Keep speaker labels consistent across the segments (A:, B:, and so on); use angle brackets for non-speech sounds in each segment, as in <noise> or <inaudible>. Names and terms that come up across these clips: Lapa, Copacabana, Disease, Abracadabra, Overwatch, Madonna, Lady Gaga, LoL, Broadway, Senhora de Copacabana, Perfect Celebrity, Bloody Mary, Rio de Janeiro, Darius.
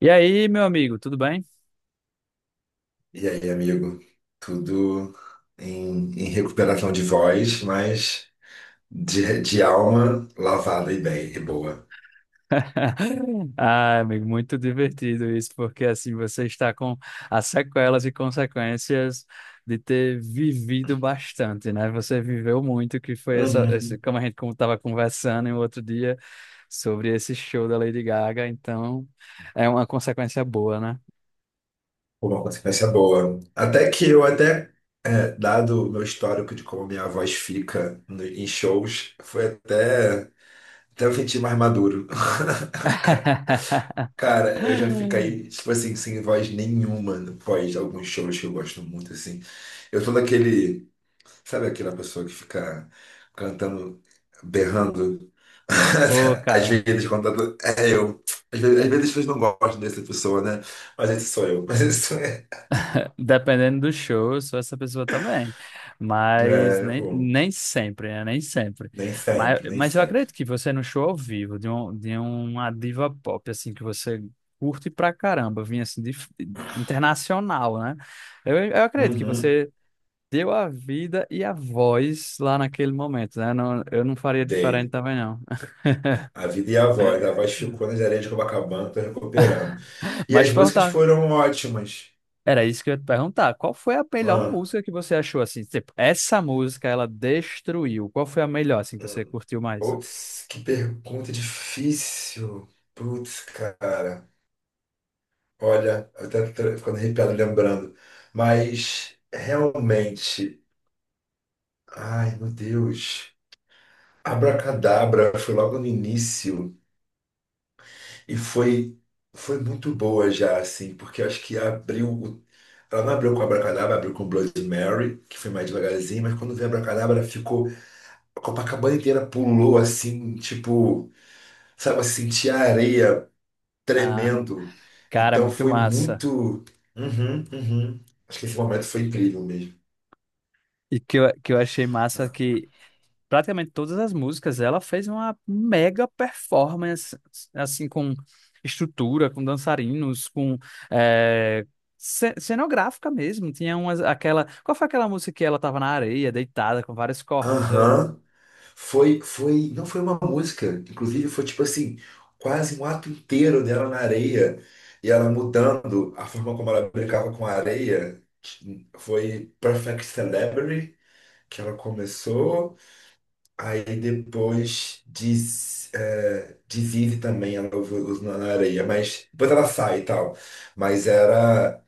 A: E aí, meu amigo, tudo bem?
B: E aí, amigo? Tudo em recuperação de voz, mas de alma lavada e bem, e boa.
A: <laughs> Ah, amigo, muito divertido isso, porque assim você está com as sequelas e consequências de ter vivido bastante, né? Você viveu muito, que foi essa, esse,
B: Uhum.
A: como a gente como estava conversando em outro dia sobre esse show da Lady Gaga, então é uma consequência boa, né?
B: Por uma consequência boa. Até que eu dado o meu histórico de como minha voz fica em shows, foi até eu sentir mais maduro.
A: <laughs>
B: <laughs> Cara, eu já fiquei, tipo assim, sem voz nenhuma no pós alguns shows que eu gosto muito, assim. Eu sou daquele. Sabe aquela pessoa que fica cantando, berrando?
A: Pô,
B: <laughs> Às
A: cara.
B: vezes, contando. É eu. Às vezes as pessoas não gostam dessa pessoa, né? Mas esse sou eu. <laughs> Mas isso é.
A: Dependendo do show, eu sou essa pessoa também. Mas
B: É,
A: nem,
B: pô,
A: nem sempre, né? Nem sempre. Mas,
B: nem
A: mas eu
B: sempre.
A: acredito que você no show ao vivo, de, um, de uma diva pop, assim, que você curte pra caramba, vinha assim, de, internacional, né? Eu acredito que
B: Uhum.
A: você deu a vida e a voz lá naquele momento, né? Não, eu não faria
B: Dei.
A: diferente também, não.
B: A vida e a voz. A voz ficou nas areias de Copacabana, tô recuperando.
A: <laughs>
B: E as
A: Mas
B: músicas
A: perguntar
B: foram ótimas.
A: era isso que eu ia te perguntar. Qual foi a melhor
B: Ah,
A: música que você achou assim? Tipo, essa música ela destruiu. Qual foi a melhor assim que você
B: hum.
A: curtiu mais?
B: Putz, que pergunta difícil. Putz, cara. Olha, eu até tô ficando arrepiado lembrando. Mas realmente, ai meu Deus, Abracadabra foi logo no início e foi muito boa já assim, porque eu acho que ela não abriu com Abracadabra, abriu com Bloody Mary, que foi mais devagarzinho, mas quando veio Abracadabra ficou a Copacabana inteira pulou assim, tipo, sabe, assim, tinha areia
A: Ah,
B: tremendo.
A: cara,
B: Então
A: muito
B: foi
A: massa.
B: muito. Uhum, uhum. Acho que esse momento foi incrível mesmo.
A: E que eu achei massa que praticamente todas as músicas ela fez uma mega performance assim com estrutura, com dançarinos, com eh, cenográfica mesmo. Tinha umas aquela, qual foi aquela música que ela tava na areia deitada com vários corpos? Eu...
B: Aham. Não foi uma música, inclusive foi tipo assim, quase um ato inteiro dela na areia e ela mudando a forma como ela brincava com a areia. Foi Perfect Celebrity que ela começou, aí depois diz, é, Disease também ela usou na areia, mas depois ela sai e tal. Mas era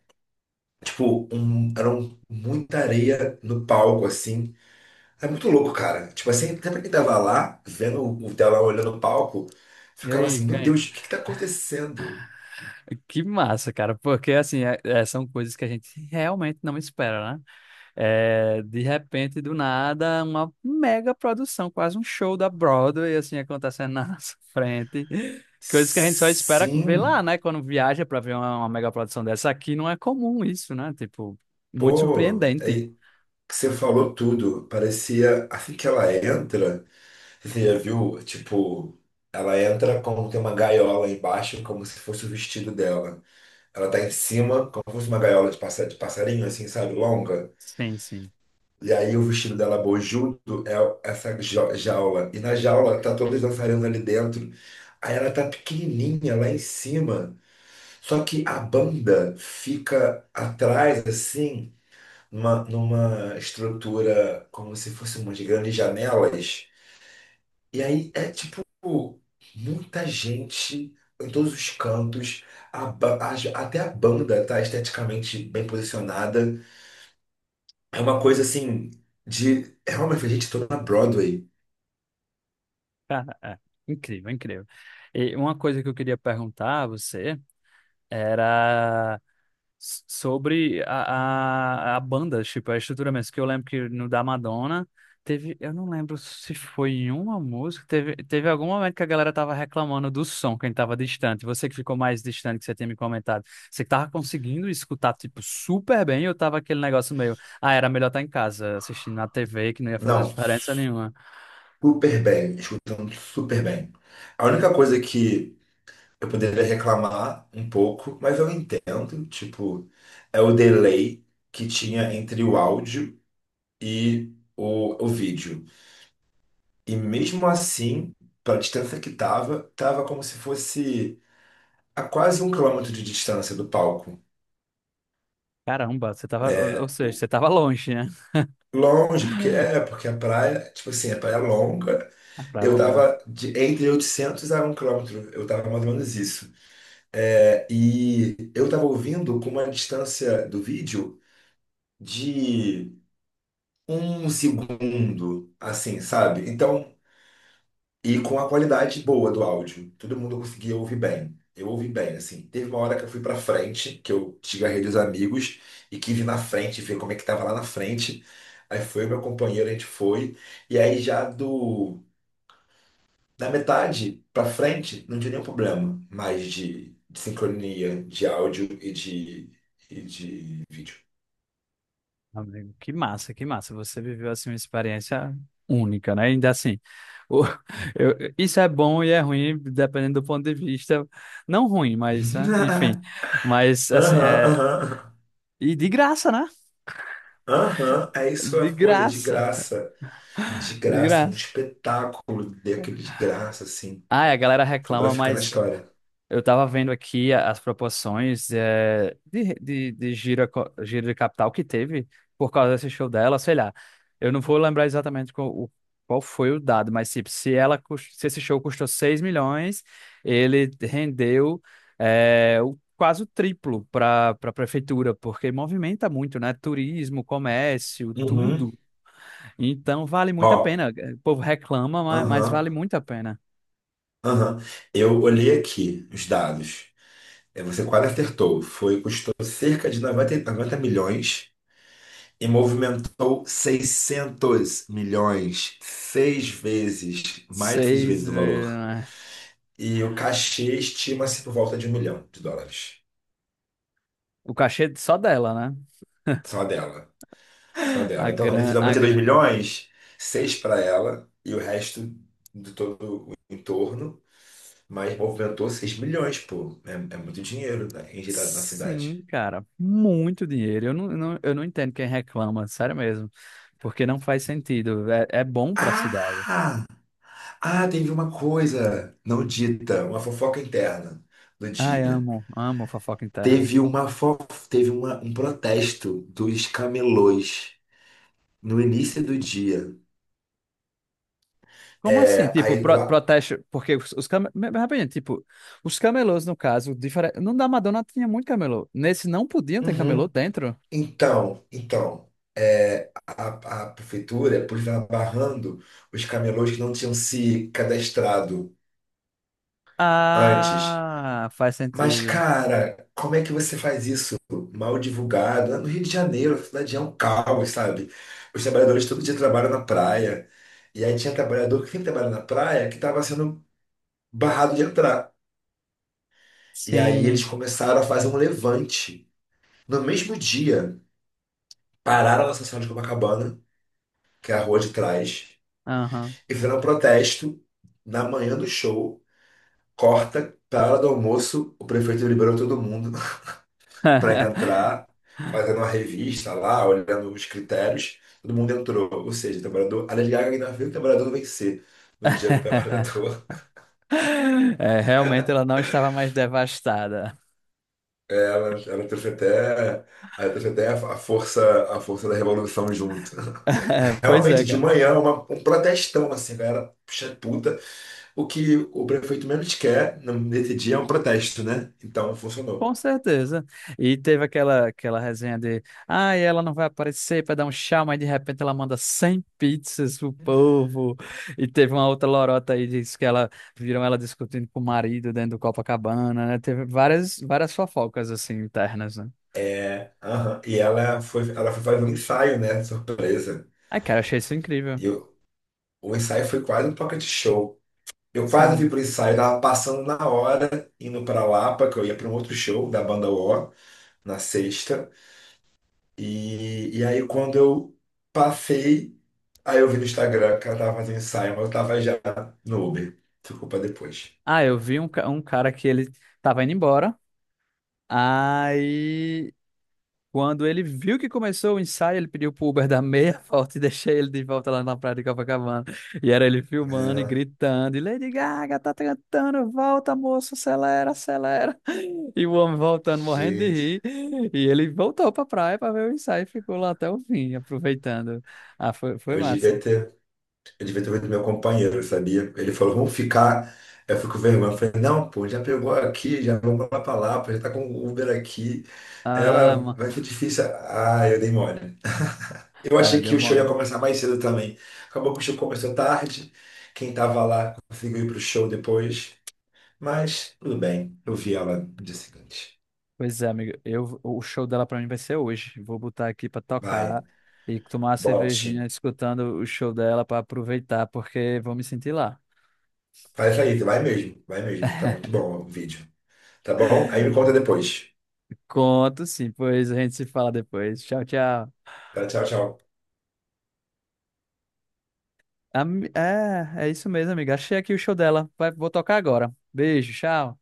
B: muita areia no palco assim. É muito louco, cara. Tipo assim, sempre que tava lá, vendo o tela olhando o palco,
A: E
B: ficava
A: aí,
B: assim, meu
A: quem?
B: Deus, o que que tá acontecendo?
A: Que massa, cara, porque assim, é, são coisas que a gente realmente não espera, né? É, de repente, do nada, uma mega produção, quase um show da Broadway, assim, acontecendo na <laughs> nossa frente. Coisas que a gente só espera ver
B: Sim,
A: lá, né? Quando viaja pra ver uma mega produção dessa aqui, não é comum isso, né? Tipo, muito
B: pô,
A: surpreendente.
B: aí que você falou tudo. Parecia, assim que ela entra, você já viu, tipo, ela entra como tem uma gaiola embaixo, como se fosse o vestido dela. Ela tá em cima, como se fosse uma gaiola de de passarinho, assim, sabe, longa.
A: Sim, sim.
B: E aí o vestido dela bojudo é essa jaula. E na jaula tá todas dançarinas ali dentro. Aí ela tá pequenininha lá em cima. Só que a banda fica atrás, assim, numa estrutura como se fosse umas grandes janelas. E aí é tipo muita gente em todos os cantos. A ba- a- até a banda tá esteticamente bem posicionada. É uma coisa assim de. É uma gente toda na Broadway.
A: Cara, é incrível, incrível. E uma coisa que eu queria perguntar a você era... sobre a banda, tipo, a estrutura mesmo. Que eu lembro que no da Madonna teve, eu não lembro se foi em uma música, teve algum momento que a galera tava reclamando do som, quem tava distante. Você que ficou mais distante, que você tinha me comentado. Você que tava conseguindo escutar, tipo, super bem, eu tava aquele negócio meio, ah, era melhor estar em casa, assistindo na TV, que não ia fazer
B: Não,
A: diferença nenhuma.
B: super bem, escutando super bem. A única coisa que eu poderia reclamar um pouco, mas eu entendo, tipo, é o delay que tinha entre o áudio e o vídeo. E mesmo assim, pela distância que tava, tava como se fosse a quase um quilômetro de distância do palco.
A: Caramba, você tava, ou
B: É,
A: seja,
B: o-
A: você tava longe, né?
B: longe, porque é,
A: <laughs>
B: porque a praia, tipo assim, a praia é longa.
A: A praia é
B: Eu
A: longa.
B: tava de, entre 800 a um quilômetro, eu tava mais ou menos isso. É, e eu tava ouvindo com uma distância do vídeo de um segundo, assim, sabe? Então, e com a qualidade boa do áudio, todo mundo conseguia ouvir bem. Eu ouvi bem, assim. Teve uma hora que eu fui pra frente, que eu desgarrei dos amigos e que vi na frente, ver como é que tava lá na frente. Aí foi o meu companheiro, a gente foi. E aí já do da metade pra frente, não tinha nenhum problema mais de sincronia, de áudio e de vídeo.
A: Amigo, que massa, que massa. Você viveu assim uma experiência única, né? Ainda assim, o- <laughs> eu- isso é bom e é ruim, dependendo do ponto de vista. Não ruim, mas né?
B: <laughs>
A: Enfim. Mas assim,
B: Aham,
A: é...
B: aham,
A: e de graça, né?
B: aham. É isso a
A: De
B: coisa, de
A: graça,
B: graça. De
A: de
B: graça, um
A: graça.
B: espetáculo daquele de graça, assim.
A: Ah, a galera
B: Foi pra
A: reclama,
B: ficar na
A: mas
B: história.
A: eu estava vendo aqui a- as proporções de, de giro, eco- giro de capital que teve por causa desse show dela, sei lá. Eu não vou lembrar exatamente qual, o- qual foi o dado, mas tipo, se ela, cus- se esse show custou 6 milhões, ele rendeu o- quase o triplo para a prefeitura, porque movimenta muito, né? Turismo, comércio,
B: Uhum.
A: tudo. Então vale muito a
B: Ó,
A: pena. O povo reclama, ma- mas,
B: aham,
A: vale muito a pena.
B: aham. Eu olhei aqui os dados. É, você quase acertou. Foi, custou cerca de 90 milhões e movimentou 600 milhões, seis vezes, mais de seis
A: Seis,
B: vezes o valor.
A: eh,
B: E o cachê estima-se por volta de um milhão de dólares.
A: o cachê só dela, né?
B: Só dela. Só
A: A
B: dela. Então, desses
A: gran, a
B: 92
A: grana.
B: milhões, seis para ela e o resto de todo o entorno. Mas movimentou 6 milhões, pô. É, é muito dinheiro, né, injetado na cidade.
A: Sim, cara, muito dinheiro. Eu não entendo quem reclama, sério mesmo. Porque não faz sentido. É, é bom pra cidade.
B: Ah! Ah, teve uma coisa não dita, uma fofoca interna do
A: Ai,
B: dia.
A: amo, amo fofoca interna.
B: Teve uma fo... teve um protesto dos camelôs no início do dia.
A: Como assim?
B: É,
A: Tipo,
B: aí,
A: pro-
B: lá...
A: protesto. Porque os cam- rapidinho, tipo, os camelôs, no caso, diferente. No da Madonna tinha muito camelô. Nesse não podiam ter camelô
B: Uhum.
A: dentro.
B: Então, é, a prefeitura, por estar barrando os camelôs que não tinham se cadastrado antes.
A: Ah, faz
B: Mas,
A: sentido.
B: cara, como é que você faz isso mal divulgado? No Rio de Janeiro, a cidade é um caos, sabe? Os trabalhadores todo dia trabalham na praia. E aí tinha trabalhador que sempre trabalha na praia que estava sendo barrado de entrar. E aí eles
A: Sim.
B: começaram a fazer um levante. No mesmo dia, pararam na Senhora de Copacabana, que é a rua de trás,
A: Aham.
B: e fizeram um protesto na manhã do show. Corta, para a hora do almoço, o prefeito liberou todo mundo para
A: <laughs>
B: entrar, fazendo uma revista lá, olhando os critérios, todo mundo entrou. Ou seja, o trabalhador, a Lady Gaga ainda viu o trabalhador vencer no dia do trabalhador. <laughs>
A: <laughs> É, realmente ela não estava mais devastada.
B: Ela trouxe até, ela trouxe até a força, a força da revolução junto. <laughs>
A: <laughs> Pois
B: Realmente,
A: é,
B: de
A: cara.
B: manhã, um protestão, assim, galera, puxa puta. O que o prefeito menos quer nesse dia é um protesto, né? Então, funcionou.
A: Com certeza. E teve aquela resenha de, ah, ela não vai aparecer para dar um tchau, mas de repente ela manda 100 pizzas pro povo. E teve uma outra lorota aí, disse que ela, viram ela discutindo com o marido dentro do Copacabana, né? Teve várias fofocas, assim, internas, né?
B: É, aham. E ela foi fazer um ensaio, né? Surpresa.
A: Ai, cara, eu achei isso incrível.
B: E o ensaio foi quase um pocket show. Eu quase fui
A: Sim.
B: pro ensaio, tava passando na hora, indo pra Lapa, que eu ia pra um outro show da banda O, na sexta. E, aí quando eu passei, aí eu vi no Instagram que ela tava fazendo ensaio, mas eu tava já no Uber. Ficou pra depois.
A: Ah, eu vi um, ca- um cara que ele tava indo embora, aí quando ele viu que começou o ensaio, ele pediu pro Uber <laughs> dar meia volta e deixei ele de volta lá na praia de Copacabana. E era ele filmando e
B: Ah,
A: gritando, e Lady Gaga tá cantando, volta, moço, acelera, acelera. <laughs> E o homem voltando, morrendo de
B: gente,
A: rir. E ele voltou pra praia pra ver o ensaio e ficou lá até o fim, aproveitando. Ah, foi, foi
B: eu devia
A: massa.
B: ter, eu devia ter feito meu companheiro, sabia? Ele falou, vamos ficar. Eu fico com vergonha. Eu falei, não, pô, já pegou aqui, já vamos lá pra Lapa, já tá com o Uber aqui.
A: Ah,
B: Ela,
A: mano.
B: vai ser difícil. Ah, eu dei mole. Eu
A: É,
B: achei que
A: deu
B: o show ia
A: mole.
B: começar mais cedo também. Acabou que o show começou tarde. Quem tava lá conseguiu ir pro show depois. Mas tudo bem, eu vi ela no dia seguinte.
A: Pois é, amigo. Eu, o show dela pra mim vai ser hoje. Vou botar aqui pra
B: Vai,
A: tocar e tomar uma cervejinha
B: bote.
A: escutando o show dela pra aproveitar, porque vou me sentir lá.
B: Faz aí, vai mesmo, vai mesmo. Tá muito bom o vídeo. Tá bom? Aí me conta depois.
A: Conto sim, pois a gente se fala depois. Tchau, tchau.
B: Tá, tchau, tchau.
A: Ami- É, é isso mesmo, amiga achei aqui o show dela. Vai, vou tocar agora. Beijo, tchau.